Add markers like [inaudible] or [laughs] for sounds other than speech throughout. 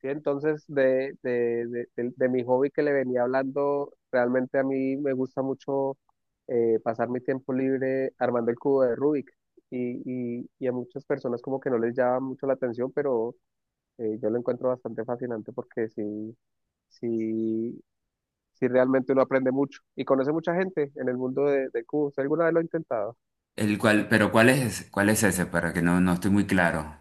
¿Sí? Entonces, de mi hobby que le venía hablando, realmente a mí me gusta mucho pasar mi tiempo libre armando el cubo de Rubik. Y a muchas personas como que no les llama mucho la atención, pero yo lo encuentro bastante fascinante porque sí, sí, sí realmente uno aprende mucho y conoce mucha gente en el mundo de cubos. ¿Usted alguna vez lo ha intentado? El cual, pero cuál es ese? Para que no estoy muy claro.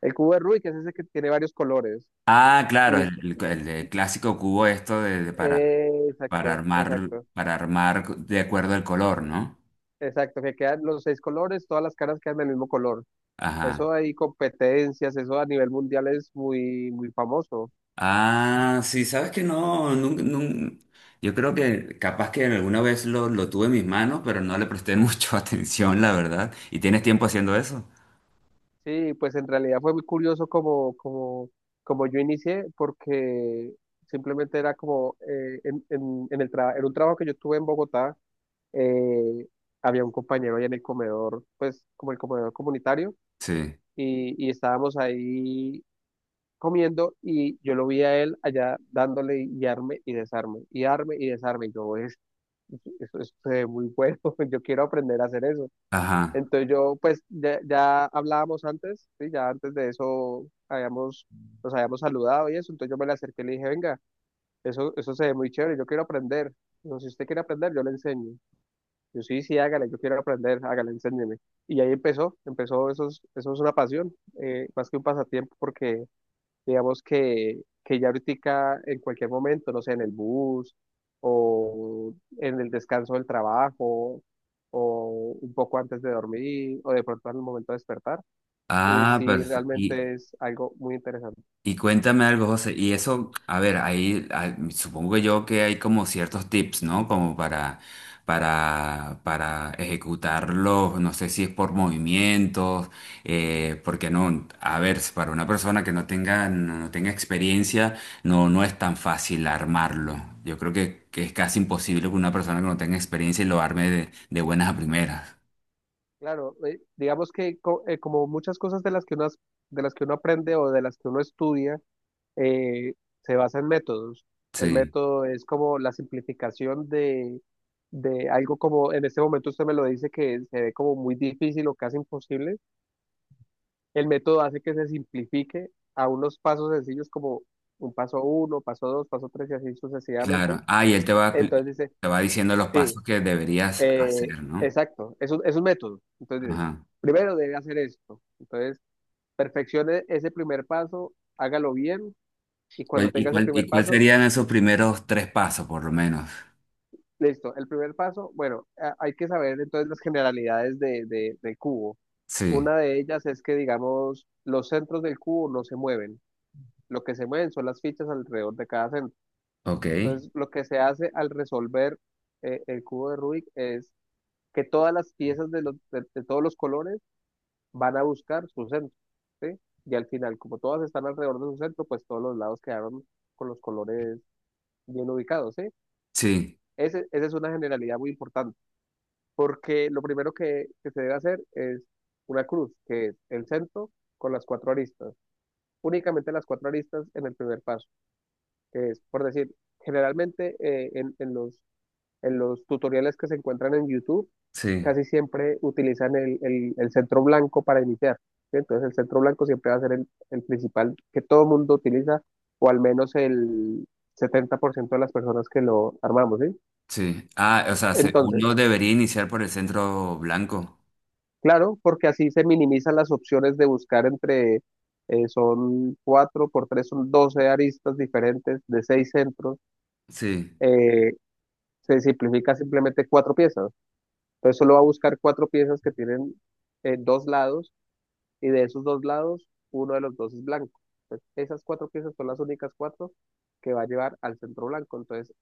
El cubo de Rubik es ese que tiene varios colores. Ah, claro, Y, el de clásico cubo esto de exacto, exacto. para armar de acuerdo al color, ¿no? Exacto, que quedan los seis colores, todas las caras quedan del mismo color. Ajá. Eso hay competencias, eso a nivel mundial es muy, muy famoso. Ah, sí, sabes que no, nun- nun- yo creo que capaz que alguna vez lo tuve en mis manos, pero no le presté [laughs] mucho atención, la verdad. ¿Y tienes tiempo haciendo eso? Sí, pues en realidad fue muy curioso como yo inicié, porque simplemente era como en un trabajo que yo tuve en Bogotá, eh, había un compañero ahí en el comedor, pues como el comedor comunitario, Sí. y estábamos ahí comiendo y yo lo vi a él allá dándole y arme y desarme, y arme y desarme, y yo, eso es muy bueno, [laughs] yo quiero aprender a hacer eso. Ajá. Entonces yo, pues ya hablábamos antes, ¿sí? Ya antes de eso habíamos, nos habíamos saludado y eso, entonces yo me le acerqué y le dije, venga, eso se ve muy chévere, yo quiero aprender. No, si usted quiere aprender, yo le enseño. Yo sí, sí, hágale, yo quiero aprender, hágale, enséñeme. Y ahí empezó, eso es una pasión, más que un pasatiempo, porque digamos que ya ahorita en cualquier momento, no sé, en el bus o en el descanso del trabajo o un poco antes de dormir o de pronto al momento de despertar, Ah, sí perfecto. realmente es algo muy interesante. Y cuéntame algo, José. Y eso, a ver, supongo que yo que hay como ciertos tips, ¿no? Para ejecutarlos, no sé si es por movimientos, porque no, a ver, si para una persona que no tenga experiencia, no es tan fácil armarlo. Yo creo que es casi imposible que una persona que no tenga experiencia lo arme de buenas a primeras. Claro, digamos que como muchas cosas de las que uno, de las que uno aprende o de las que uno estudia, eh, se basa en métodos. El Sí, método es como la simplificación de algo como, en este momento usted me lo dice que se ve como muy difícil o casi imposible. El método hace que se simplifique a unos pasos sencillos como un paso uno, paso dos, paso tres y así sucesivamente. claro. Ah, y él te Entonces dice, te va diciendo los sí, pasos que deberías eh, hacer, ¿no? exacto, es un método. Entonces dice, Ajá. primero debe hacer esto. Entonces, perfeccione ese primer paso, hágalo bien y cuando ¿Cuál- y, tenga ese cuál, ¿Y primer cuál paso, serían esos primeros tres pasos, por lo menos? listo, el primer paso, bueno, hay que saber entonces las generalidades del cubo. Sí, Una de ellas es que, digamos, los centros del cubo no se mueven. Lo que se mueven son las fichas alrededor de cada centro. ok. Entonces, lo que se hace al resolver el cubo de Rubik es que todas las piezas de todos los colores van a buscar su centro, ¿sí? Y al final, como todas están alrededor de su centro, pues todos los lados quedaron con los colores bien ubicados, ¿sí? Sí, Esa es una generalidad muy importante. Porque lo primero que se debe hacer es una cruz, que es el centro con las cuatro aristas, únicamente las cuatro aristas en el primer paso, que es, por decir, generalmente en los tutoriales que se encuentran en YouTube, sí, casi siempre utilizan el centro blanco para iniciar, ¿sí? Entonces el centro blanco siempre va a ser el principal que todo mundo utiliza, o al menos el 70% de las personas que lo armamos, ¿sí? sí. Ah, o sea, se- Entonces, uno debería iniciar por el centro blanco. claro, porque así se minimizan las opciones de buscar entre, son cuatro por tres, son 12 aristas diferentes de seis centros. Sí. eh, se simplifica simplemente cuatro piezas. Entonces solo va a buscar cuatro piezas que tienen dos lados y de esos dos lados, uno de los dos es blanco. Entonces, esas cuatro piezas son las únicas cuatro que va a llevar al centro blanco. Entonces,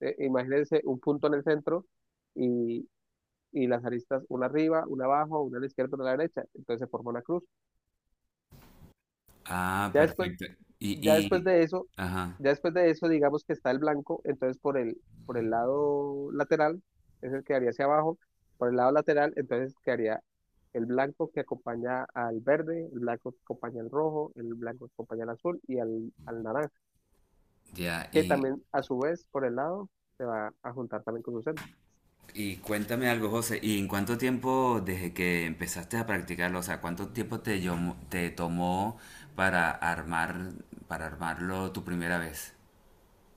imagínense un punto en el centro y, y las aristas, una arriba, una abajo, una a la izquierda, una a la derecha. Entonces se forma una cruz. Ah, Ya después perfecto. Y, ya después y, de eso, ajá, ya después de eso, digamos que está el blanco, entonces por el lado lateral, es el que haría hacia abajo, por el lado lateral, entonces quedaría el blanco que acompaña al verde, el blanco que acompaña al rojo, el blanco que acompaña al azul y al naranja, ya. que Y, también a su vez por el lado se va a juntar también con su centro. y cuéntame algo, José. ¿Y en cuánto tiempo desde que empezaste a practicarlo, o sea, cuánto tiempo te, llamó- te tomó para armar, para armarlo tu primera vez,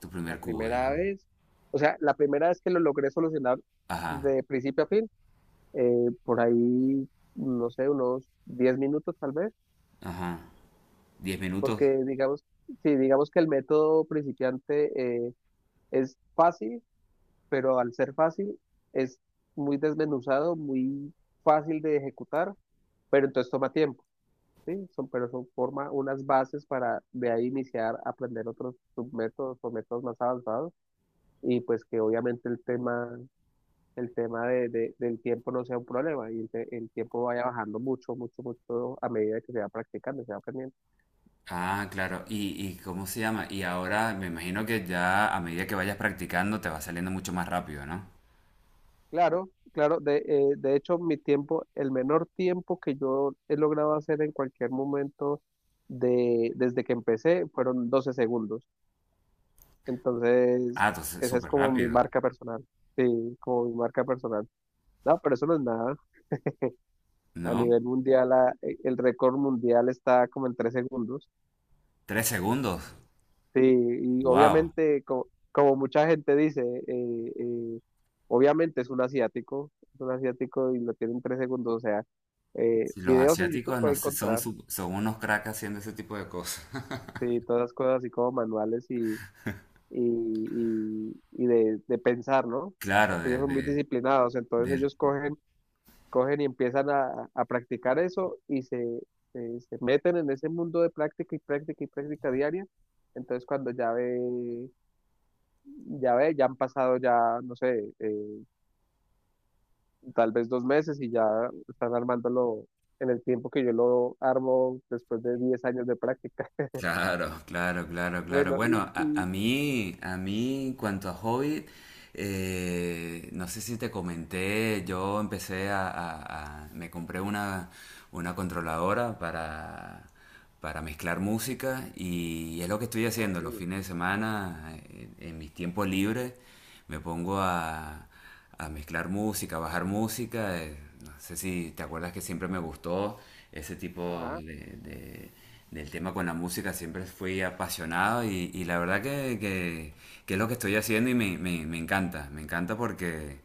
tu La primer cubo, primera digamos? vez, o sea, la primera vez que lo logré solucionar Ajá, de principio a fin, por ahí, no sé, unos 10 minutos tal vez. ajá. ¿Diez minutos? Porque digamos, sí, digamos que el método principiante es fácil, pero al ser fácil es muy desmenuzado, muy fácil de ejecutar, pero entonces toma tiempo, ¿sí? Son, pero son forma unas bases para de ahí iniciar a aprender otros submétodos o métodos más avanzados y pues que obviamente el tema del tiempo no sea un problema y el tiempo vaya bajando mucho, mucho, mucho a medida que se va practicando, se va aprendiendo. Ah, claro. ¿Y cómo se llama? Y ahora me imagino que ya a medida que vayas practicando te va saliendo mucho más rápido, ¿no? Claro, claro. De hecho, mi tiempo, el menor tiempo que yo he logrado hacer en cualquier momento desde que empecé fueron 12 segundos. Entonces, Ah, entonces esa es súper como mi rápido, marca personal. Sí, como mi marca personal. No, pero eso no es nada. A ¿no? nivel mundial, el récord mundial está como en 3 segundos. Tres segundos. Sí, y Wow. obviamente, mucha gente dice, obviamente es un asiático y lo tienen 3 segundos, o sea, Los videos en YouTube asiáticos no puede sé, son, encontrar, su- son unos cracks haciendo ese tipo de cosas. [laughs] sí, todas las cosas así como manuales y, y de pensar, ¿no? Claro, Porque ellos son muy disciplinados, entonces de- ellos cogen, cogen y empiezan a practicar eso y se, se meten en ese mundo de práctica y práctica y práctica diaria, entonces cuando ya ve ya ve, ya han pasado ya, no sé, tal vez 2 meses y ya están armándolo en el tiempo que yo lo armo después de 10 años de práctica. [laughs] Claro, claro, claro, claro. Bueno, Bueno, a mí, en cuanto a Hobbit, no sé si te comenté, yo empecé a- me compré una controladora para mezclar música y es lo que estoy no, haciendo los sí, fines de semana, mis tiempos libres, me pongo a mezclar música, a bajar música. No sé si te acuerdas que siempre me gustó ese tipo ajá, del tema con la música, siempre fui apasionado y la verdad que es lo que estoy haciendo y me encanta porque,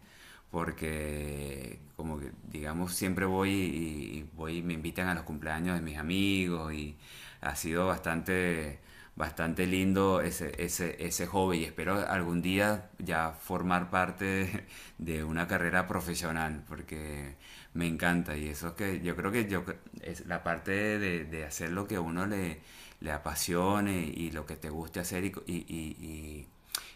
porque como que, digamos, siempre voy y voy, me invitan a los cumpleaños de mis amigos y ha sido bastante, bastante lindo ese hobby. Y espero algún día ya formar parte de una carrera profesional porque me encanta y eso es que yo creo que yo, es la parte de hacer lo que a le apasione y lo que te guste hacer y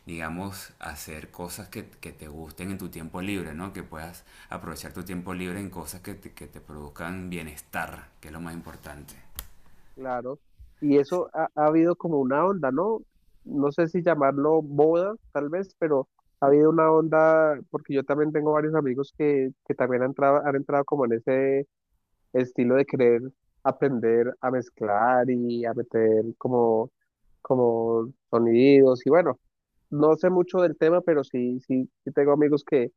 digamos, hacer cosas que te gusten en tu tiempo libre, ¿no? Que puedas aprovechar tu tiempo libre en cosas que que te produzcan bienestar, que es lo más importante. claro. Y eso ha, ha habido como una onda, ¿no? No sé si llamarlo boda, tal vez, pero ha habido una onda, porque yo también tengo varios amigos que también han entrado como en ese el estilo de querer aprender a mezclar y a meter como, como sonidos y bueno, no sé mucho del tema, pero sí, sí, sí tengo amigos que,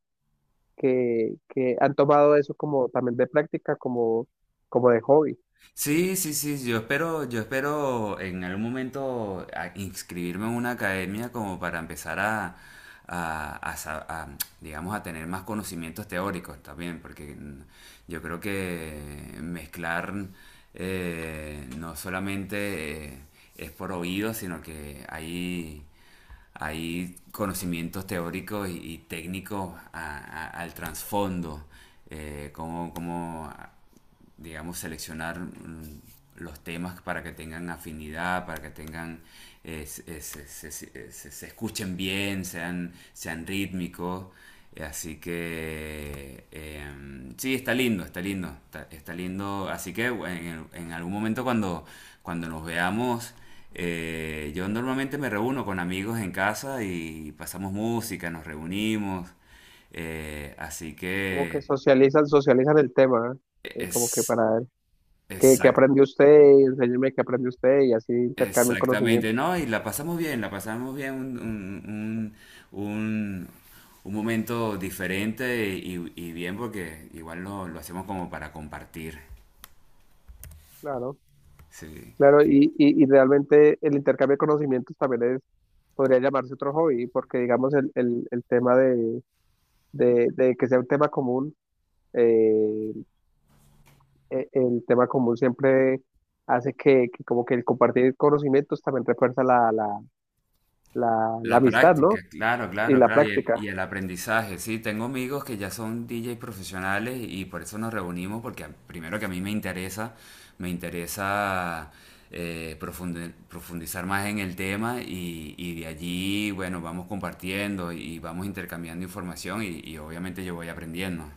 que han tomado eso como también de práctica, como, como de hobby, Sí, sí, sí, yo espero en algún momento a- inscribirme en una academia como para empezar a sa- a, digamos, a tener más conocimientos teóricos también, porque yo creo que mezclar no solamente es por oído, sino que hay conocimientos teóricos y técnicos al trasfondo, cómo, cómo digamos, seleccionar los temas para que tengan afinidad, para que tengan, escuchen bien, sean, sean rítmicos. Así que, sí, está lindo, está lindo, está, está lindo. Así que bueno, en algún momento cuando, cuando nos veamos, yo normalmente me reúno con amigos en casa y pasamos música, nos reunimos. Así como que que socializan, socializan el tema, ¿eh? Como que es para ver qué, qué exacto. aprendió usted, enséñeme qué aprendió usted y así intercambian conocimiento, Exactamente, ¿no? Y la pasamos bien, un- un momento diferente y bien porque igual lo hacemos como para compartir. claro. Sí. Claro, y realmente el intercambio de conocimientos también es, podría llamarse otro hobby, porque digamos el tema de, de que sea un tema común, eh, el tema común siempre hace que como que el compartir conocimientos también refuerza la La amistad, práctica, ¿no? claro, Y claro, la claro, y práctica. y el aprendizaje, sí, tengo amigos que ya son DJ profesionales y por eso nos reunimos, porque a- primero que a mí me interesa profundizar más en el tema y de allí, bueno, vamos compartiendo y vamos intercambiando información y obviamente yo voy aprendiendo.